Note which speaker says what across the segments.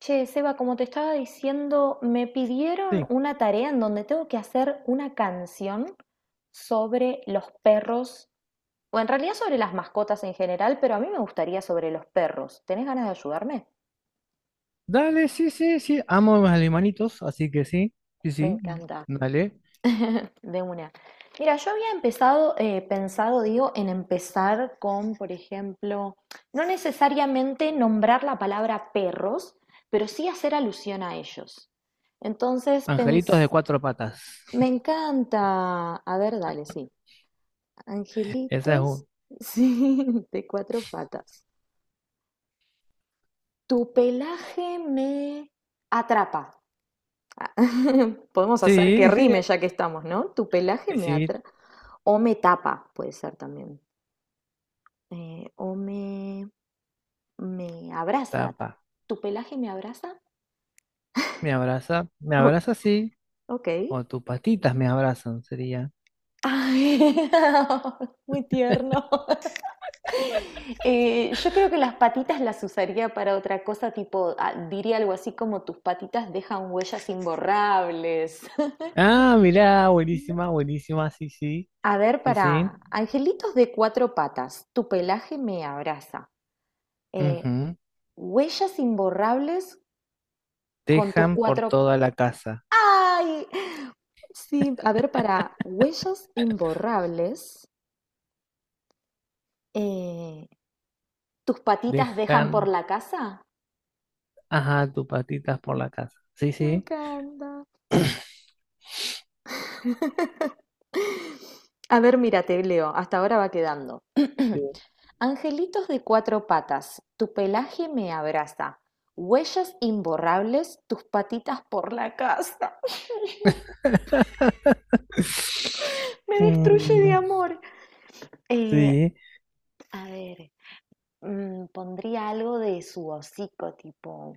Speaker 1: Che, Seba, como te estaba diciendo, me pidieron
Speaker 2: Sí,
Speaker 1: una tarea en donde tengo que hacer una canción sobre los perros, o en realidad sobre las mascotas en general, pero a mí me gustaría sobre los perros. ¿Tenés ganas de ayudarme?
Speaker 2: dale, sí, sí, sí. Amo a mis alemanitos, así que sí, sí,
Speaker 1: Me
Speaker 2: sí,
Speaker 1: encanta.
Speaker 2: dale.
Speaker 1: De una. Mira, yo había empezado, pensado, digo, en empezar con, por ejemplo, no necesariamente nombrar la palabra perros, pero sí hacer alusión a ellos. Entonces,
Speaker 2: Angelitos de cuatro patas.
Speaker 1: me encanta. A ver, dale, sí.
Speaker 2: Esa es
Speaker 1: Angelitos,
Speaker 2: un.
Speaker 1: sí, de cuatro patas. Tu pelaje me atrapa. Ah, podemos hacer
Speaker 2: Sí,
Speaker 1: que rime ya que estamos, ¿no? Tu pelaje me
Speaker 2: sí,
Speaker 1: atrapa. O me tapa, puede ser también. O me abraza.
Speaker 2: tapa.
Speaker 1: ¿Tu pelaje me abraza?
Speaker 2: Me
Speaker 1: Ok.
Speaker 2: abraza, sí.
Speaker 1: Ok.
Speaker 2: O tus patitas me abrazan, sería.
Speaker 1: Ay, muy tierno. Yo creo que las patitas las usaría para otra cosa, tipo, ah, diría algo así como tus patitas dejan huellas imborrables.
Speaker 2: Ah, mirá, buenísima, buenísima, sí, sí,
Speaker 1: A ver,
Speaker 2: sí, sí.
Speaker 1: para angelitos de cuatro patas, tu pelaje me abraza. Eh,
Speaker 2: Ujú.
Speaker 1: Huellas imborrables con tus
Speaker 2: Dejan por
Speaker 1: cuatro...
Speaker 2: toda la casa.
Speaker 1: ¡Ay! Sí, a ver, para huellas imborrables, eh, ¿tus patitas dejan por
Speaker 2: Dejan,
Speaker 1: la casa?
Speaker 2: ajá, tus patitas por la casa. Sí,
Speaker 1: Me
Speaker 2: sí.
Speaker 1: encanta.
Speaker 2: Sí.
Speaker 1: A ver, mira, te leo, hasta ahora va quedando. Angelitos de cuatro patas, tu pelaje me abraza. Huellas imborrables, tus patitas por la casa. Me destruye de
Speaker 2: Mm,
Speaker 1: amor. Eh,
Speaker 2: sí,
Speaker 1: a ver, mm, pondría algo de su hocico, tipo,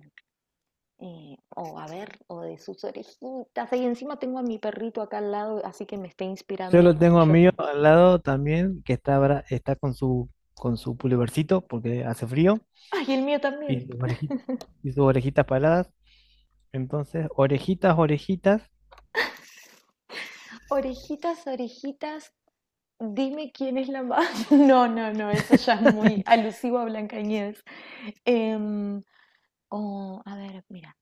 Speaker 1: o a ver, o de sus orejitas. Y encima tengo a mi perrito acá al lado, así que me está
Speaker 2: yo
Speaker 1: inspirando
Speaker 2: lo tengo a
Speaker 1: mucho.
Speaker 2: mí al lado también, que está, está con su pulovercito porque hace frío
Speaker 1: Ay, el mío
Speaker 2: y
Speaker 1: también.
Speaker 2: y sus orejitas paladas. Entonces, orejitas, orejitas.
Speaker 1: Orejitas, orejitas, dime quién es la más. No, no, no, eso ya es muy alusivo a Blancanieves. Em, oh, a ver, mira.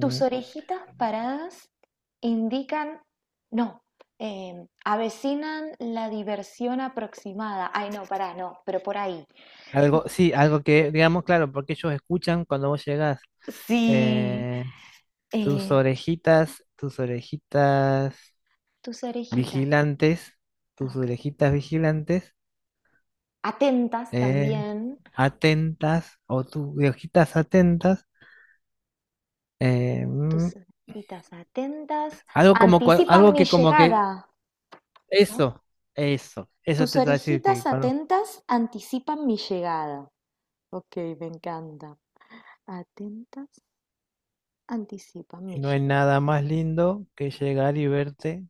Speaker 1: Tus orejitas paradas indican. No, avecinan la diversión aproximada. Ay, no, pará, no, pero por ahí.
Speaker 2: algo, sí, algo que, digamos, claro, porque ellos escuchan cuando vos llegás.
Speaker 1: Sí.
Speaker 2: eh, Tus
Speaker 1: eh,
Speaker 2: orejitas, tus orejitas
Speaker 1: Tus orejitas.
Speaker 2: vigilantes,
Speaker 1: Ah,
Speaker 2: tus
Speaker 1: ok.
Speaker 2: orejitas vigilantes,
Speaker 1: Atentas
Speaker 2: eh,
Speaker 1: también.
Speaker 2: atentas o tus orejitas atentas, eh,
Speaker 1: Tus
Speaker 2: mm,
Speaker 1: orejitas atentas
Speaker 2: algo como
Speaker 1: anticipan
Speaker 2: algo
Speaker 1: mi
Speaker 2: que como que
Speaker 1: llegada. ¿No?
Speaker 2: eso, eso
Speaker 1: Tus
Speaker 2: te va a decir que
Speaker 1: orejitas
Speaker 2: cuando...
Speaker 1: atentas anticipan mi llegada. Ok, me encanta. Atentas anticipan
Speaker 2: y
Speaker 1: mi
Speaker 2: no hay
Speaker 1: llegada.
Speaker 2: nada más lindo que llegar y verte,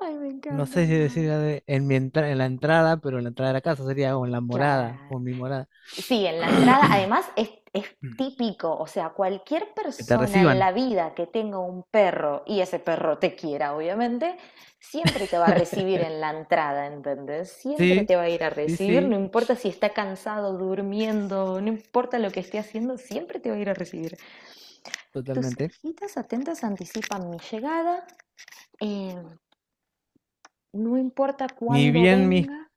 Speaker 1: Ay, me
Speaker 2: no
Speaker 1: encanta.
Speaker 2: sé si decir en en la entrada, pero en la entrada de la casa sería o en la morada
Speaker 1: Claro.
Speaker 2: o en mi morada,
Speaker 1: Sí, en la entrada, además es típico, o sea, cualquier
Speaker 2: que te
Speaker 1: persona en
Speaker 2: reciban.
Speaker 1: la vida que tenga un perro y ese perro te quiera, obviamente, siempre te va a recibir en la entrada, ¿entendés? Siempre
Speaker 2: Sí,
Speaker 1: te va a ir a
Speaker 2: sí,
Speaker 1: recibir,
Speaker 2: sí,
Speaker 1: no importa si está cansado, durmiendo, no importa lo que esté haciendo, siempre te va a ir a recibir. Tus
Speaker 2: totalmente.
Speaker 1: orejitas atentas anticipan mi llegada. eh, no importa
Speaker 2: Ni
Speaker 1: cuándo
Speaker 2: bien mis
Speaker 1: venga.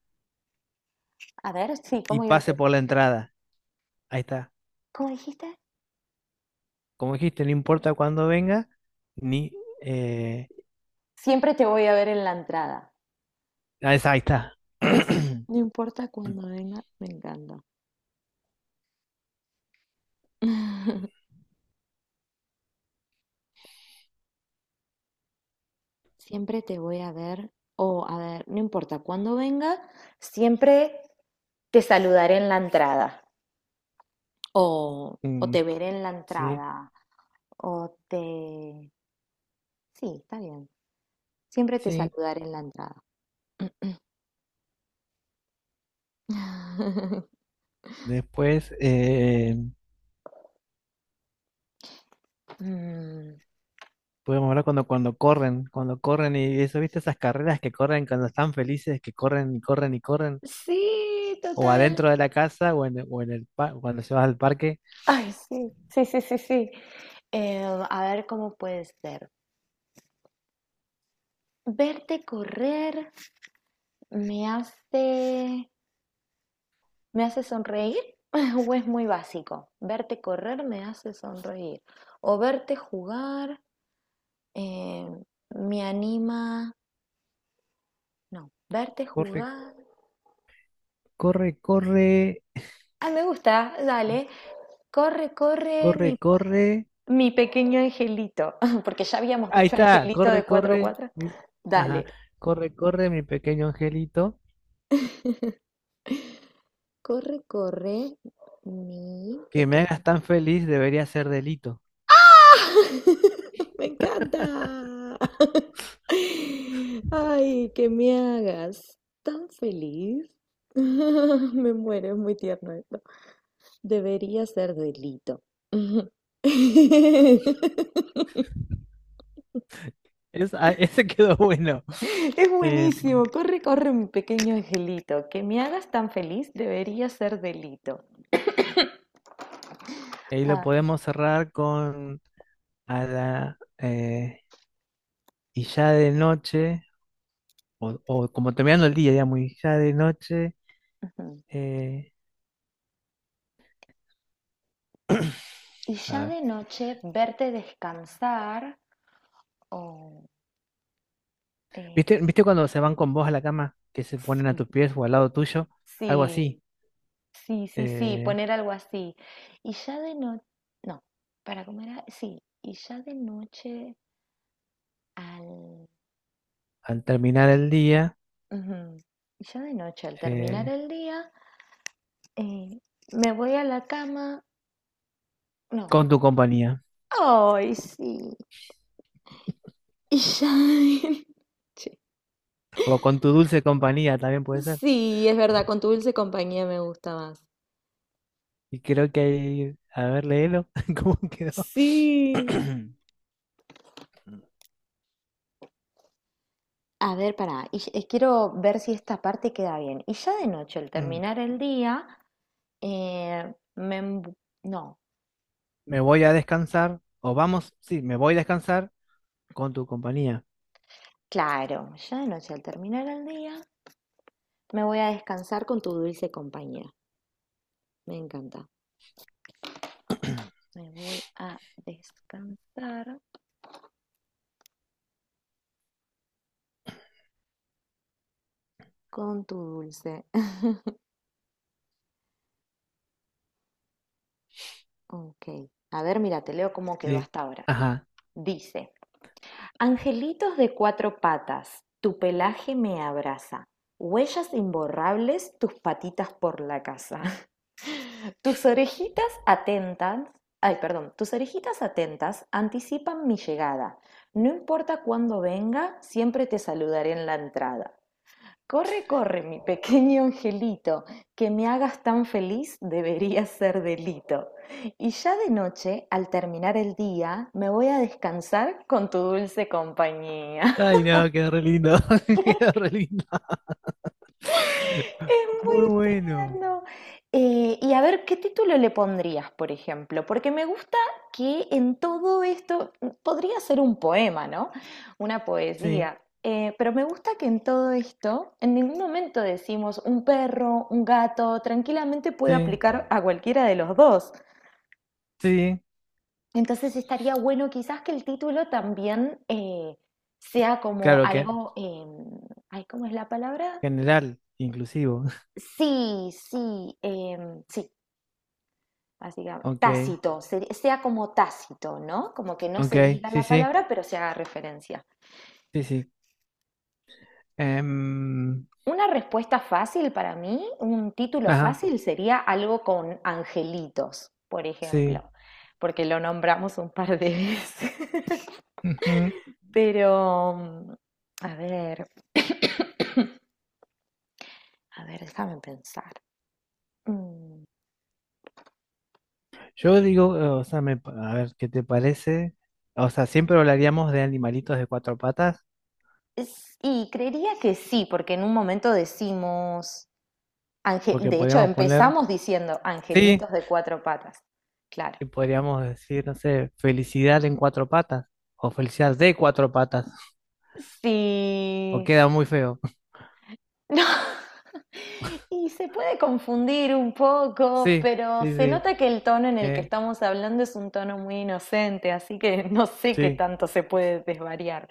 Speaker 1: A ver, sí,
Speaker 2: y
Speaker 1: ¿cómo ibas a
Speaker 2: pase
Speaker 1: decir?
Speaker 2: por la entrada. Ahí está.
Speaker 1: ¿Cómo dijiste?
Speaker 2: Como dijiste, no importa cuándo venga, ni... Eh,
Speaker 1: Siempre te voy a ver en la entrada.
Speaker 2: ah, esa, ahí está.
Speaker 1: No importa cuándo venga, me encanta. Siempre te voy a ver. O, a ver, no importa cuándo venga, siempre te saludaré en la entrada. O te
Speaker 2: Mm,
Speaker 1: veré en la
Speaker 2: sí,
Speaker 1: entrada. O te... Sí, está bien. Siempre te
Speaker 2: sí.
Speaker 1: saludaré en la entrada.
Speaker 2: Después
Speaker 1: Mm,
Speaker 2: podemos hablar cuando, cuando corren y eso, ¿viste? Esas carreras que corren cuando están felices, que corren y corren y corren,
Speaker 1: sí,
Speaker 2: o
Speaker 1: total.
Speaker 2: adentro de la casa o en el cuando se va al parque.
Speaker 1: Ay, sí, sí, sí, sí, sí. A ver cómo puede ser. Verte correr me hace, me hace sonreír o es muy básico. Verte correr me hace sonreír. O verte jugar eh, me anima. No, verte
Speaker 2: Corre,
Speaker 1: jugar.
Speaker 2: corre, corre,
Speaker 1: Ah, me gusta, dale. Corre, corre,
Speaker 2: corre,
Speaker 1: mi
Speaker 2: corre.
Speaker 1: mi pequeño angelito, porque ya habíamos
Speaker 2: Ahí
Speaker 1: dicho
Speaker 2: está,
Speaker 1: angelito
Speaker 2: corre,
Speaker 1: de cuatro a
Speaker 2: corre,
Speaker 1: cuatro.
Speaker 2: mi... Ajá,
Speaker 1: Dale.
Speaker 2: corre, corre, mi pequeño angelito.
Speaker 1: Corre, corre, mi
Speaker 2: Que me
Speaker 1: pequeño.
Speaker 2: hagas tan feliz debería ser delito.
Speaker 1: Me encanta. Ay, que me hagas tan feliz. Me muero, es muy tierno esto. Debería ser delito.
Speaker 2: Es, ah, ese quedó bueno.
Speaker 1: Es
Speaker 2: Eh,
Speaker 1: buenísimo. Corre, corre, mi pequeño angelito. Que me hagas tan feliz debería ser delito.
Speaker 2: Ahí lo
Speaker 1: Ay,
Speaker 2: podemos cerrar con a la y ya de noche, o como terminando el día, digamos, y ya de noche.
Speaker 1: ujú.
Speaker 2: eh,
Speaker 1: Y
Speaker 2: a
Speaker 1: ya
Speaker 2: ver.
Speaker 1: de noche verte descansar o eh,
Speaker 2: ¿Viste, viste cuando se van con vos a la cama, que se ponen a tus pies o al lado tuyo? Algo
Speaker 1: sí,
Speaker 2: así.
Speaker 1: sí, sí, sí,
Speaker 2: eh,
Speaker 1: poner algo así. Y ya de noche, no, para comer, a- sí, y ya de noche al,
Speaker 2: Al terminar el día,
Speaker 1: ujú, y ya de noche al terminar
Speaker 2: eh,
Speaker 1: el día, eh, me voy a la cama, no,
Speaker 2: con tu compañía.
Speaker 1: ay, sí, y ya de noche.
Speaker 2: O con tu dulce compañía también puede ser.
Speaker 1: Sí, es verdad, con tu dulce compañía me gusta más.
Speaker 2: Y creo que hay a ver, léelo, ¿cómo quedó?
Speaker 1: Sí. A ver, pará, y quiero ver si esta parte queda bien. Y ya de noche, al terminar el día, me... embu- No,
Speaker 2: Me voy a descansar, o vamos, sí, me voy a descansar con tu compañía.
Speaker 1: claro, ya de noche, al terminar el día, me voy a descansar con tu dulce compañía. Me encanta. Me voy a descansar con tu dulce. Ok. A ver, mira, te leo cómo quedó
Speaker 2: Sí.
Speaker 1: hasta ahora.
Speaker 2: Ajá.
Speaker 1: Dice, angelitos de cuatro patas, tu pelaje me abraza. Huellas imborrables, tus patitas por la casa. Tus orejitas atentas, ay, perdón, tus orejitas atentas anticipan mi llegada. No importa cuándo venga, siempre te saludaré en la entrada. Corre, corre, mi pequeño angelito, que me hagas tan feliz debería ser delito. Y ya de noche, al terminar el día, me voy a descansar con tu dulce compañía.
Speaker 2: Ay, no, quedó re lindo. Quedó re lindo.
Speaker 1: Es
Speaker 2: Muy
Speaker 1: muy
Speaker 2: bueno.
Speaker 1: tierno. Y a ver, ¿qué título le pondrías, por ejemplo? Porque me gusta que en todo esto podría ser un poema, ¿no? Una
Speaker 2: Sí,
Speaker 1: poesía. Pero me gusta que en todo esto, en ningún momento decimos un perro, un gato, tranquilamente puede
Speaker 2: sí,
Speaker 1: aplicar a cualquiera de los dos.
Speaker 2: sí.
Speaker 1: Entonces estaría bueno quizás que el título también sea como
Speaker 2: Claro que
Speaker 1: algo, ay, ¿cómo es la palabra?
Speaker 2: general, inclusivo.
Speaker 1: Sí, sí, em, sí, así que
Speaker 2: Ok,
Speaker 1: tácito, ser- sea como tácito, ¿no? Como que no
Speaker 2: ok,
Speaker 1: se diga
Speaker 2: sí,
Speaker 1: la
Speaker 2: sí,
Speaker 1: palabra, pero se haga referencia.
Speaker 2: sí, sí. Em,
Speaker 1: Una respuesta fácil para mí, un título
Speaker 2: ajá,
Speaker 1: fácil sería algo con angelitos, por
Speaker 2: sí.
Speaker 1: ejemplo, porque lo nombramos un par de veces.
Speaker 2: Ujú.
Speaker 1: Pero, mm, a ver, a ver, déjame pensar. Mm,
Speaker 2: Yo digo, o sea, a ver, ¿qué te parece? O sea, siempre hablaríamos de animalitos de cuatro patas.
Speaker 1: es- y creería que sí, porque en un momento decimos ange-
Speaker 2: Porque
Speaker 1: de hecho,
Speaker 2: podríamos poner,
Speaker 1: empezamos diciendo
Speaker 2: sí,
Speaker 1: angelitos de cuatro patas. Claro.
Speaker 2: y podríamos decir, no sé, felicidad en cuatro patas, o felicidad de cuatro patas, o
Speaker 1: Sí.
Speaker 2: queda muy feo.
Speaker 1: No. Y se puede confundir un poco,
Speaker 2: Sí,
Speaker 1: pero
Speaker 2: sí,
Speaker 1: se
Speaker 2: sí,
Speaker 1: nota que el tono en el que
Speaker 2: eh,
Speaker 1: estamos hablando es un tono muy inocente, así que no sé qué
Speaker 2: sí,
Speaker 1: tanto se puede desvariar.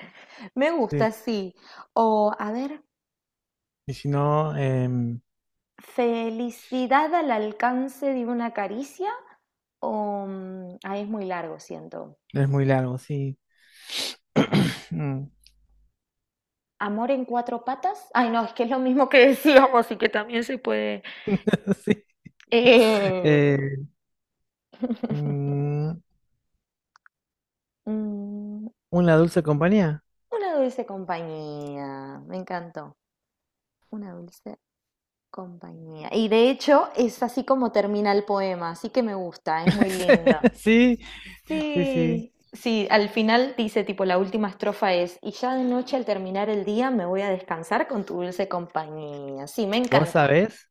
Speaker 1: Me
Speaker 2: sí.
Speaker 1: gusta, sí. O, a ver,
Speaker 2: Y si no, em,
Speaker 1: felicidad al alcance de una caricia, o mm, ah, es muy largo, siento.
Speaker 2: es muy largo, sí. Mm,
Speaker 1: Amor en cuatro patas. Ay, no, es que es lo mismo que decíamos y que también se puede.
Speaker 2: sí.
Speaker 1: Eh,
Speaker 2: Eh, mm,
Speaker 1: mm,
Speaker 2: una dulce compañía.
Speaker 1: una dulce compañía. Me encantó. Una dulce compañía. Y de hecho es así como termina el poema, así que me gusta, es muy linda.
Speaker 2: Sí, sí, sí.
Speaker 1: Sí. Sí, al final dice tipo la última estrofa es, y ya de noche al terminar el día me voy a descansar con tu dulce compañía. Sí, me
Speaker 2: ¿Vos
Speaker 1: encanta.
Speaker 2: sabés?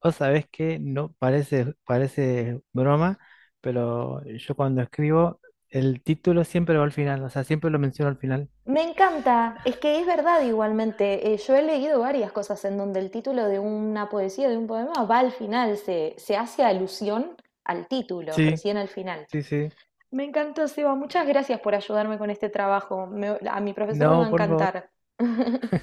Speaker 2: O sabes que no parece, parece broma, pero yo cuando escribo, el título siempre va al final, o sea, siempre lo menciono al final.
Speaker 1: Me encanta, es que es verdad igualmente. Yo he leído varias cosas en donde el título de una poesía, de un poema, va al final, se hace alusión al título,
Speaker 2: Sí,
Speaker 1: recién al final.
Speaker 2: sí, sí.
Speaker 1: Me encantó, Seba, muchas gracias por ayudarme con este trabajo. Me- a mi profesor le va
Speaker 2: No,
Speaker 1: a
Speaker 2: por favor.
Speaker 1: encantar.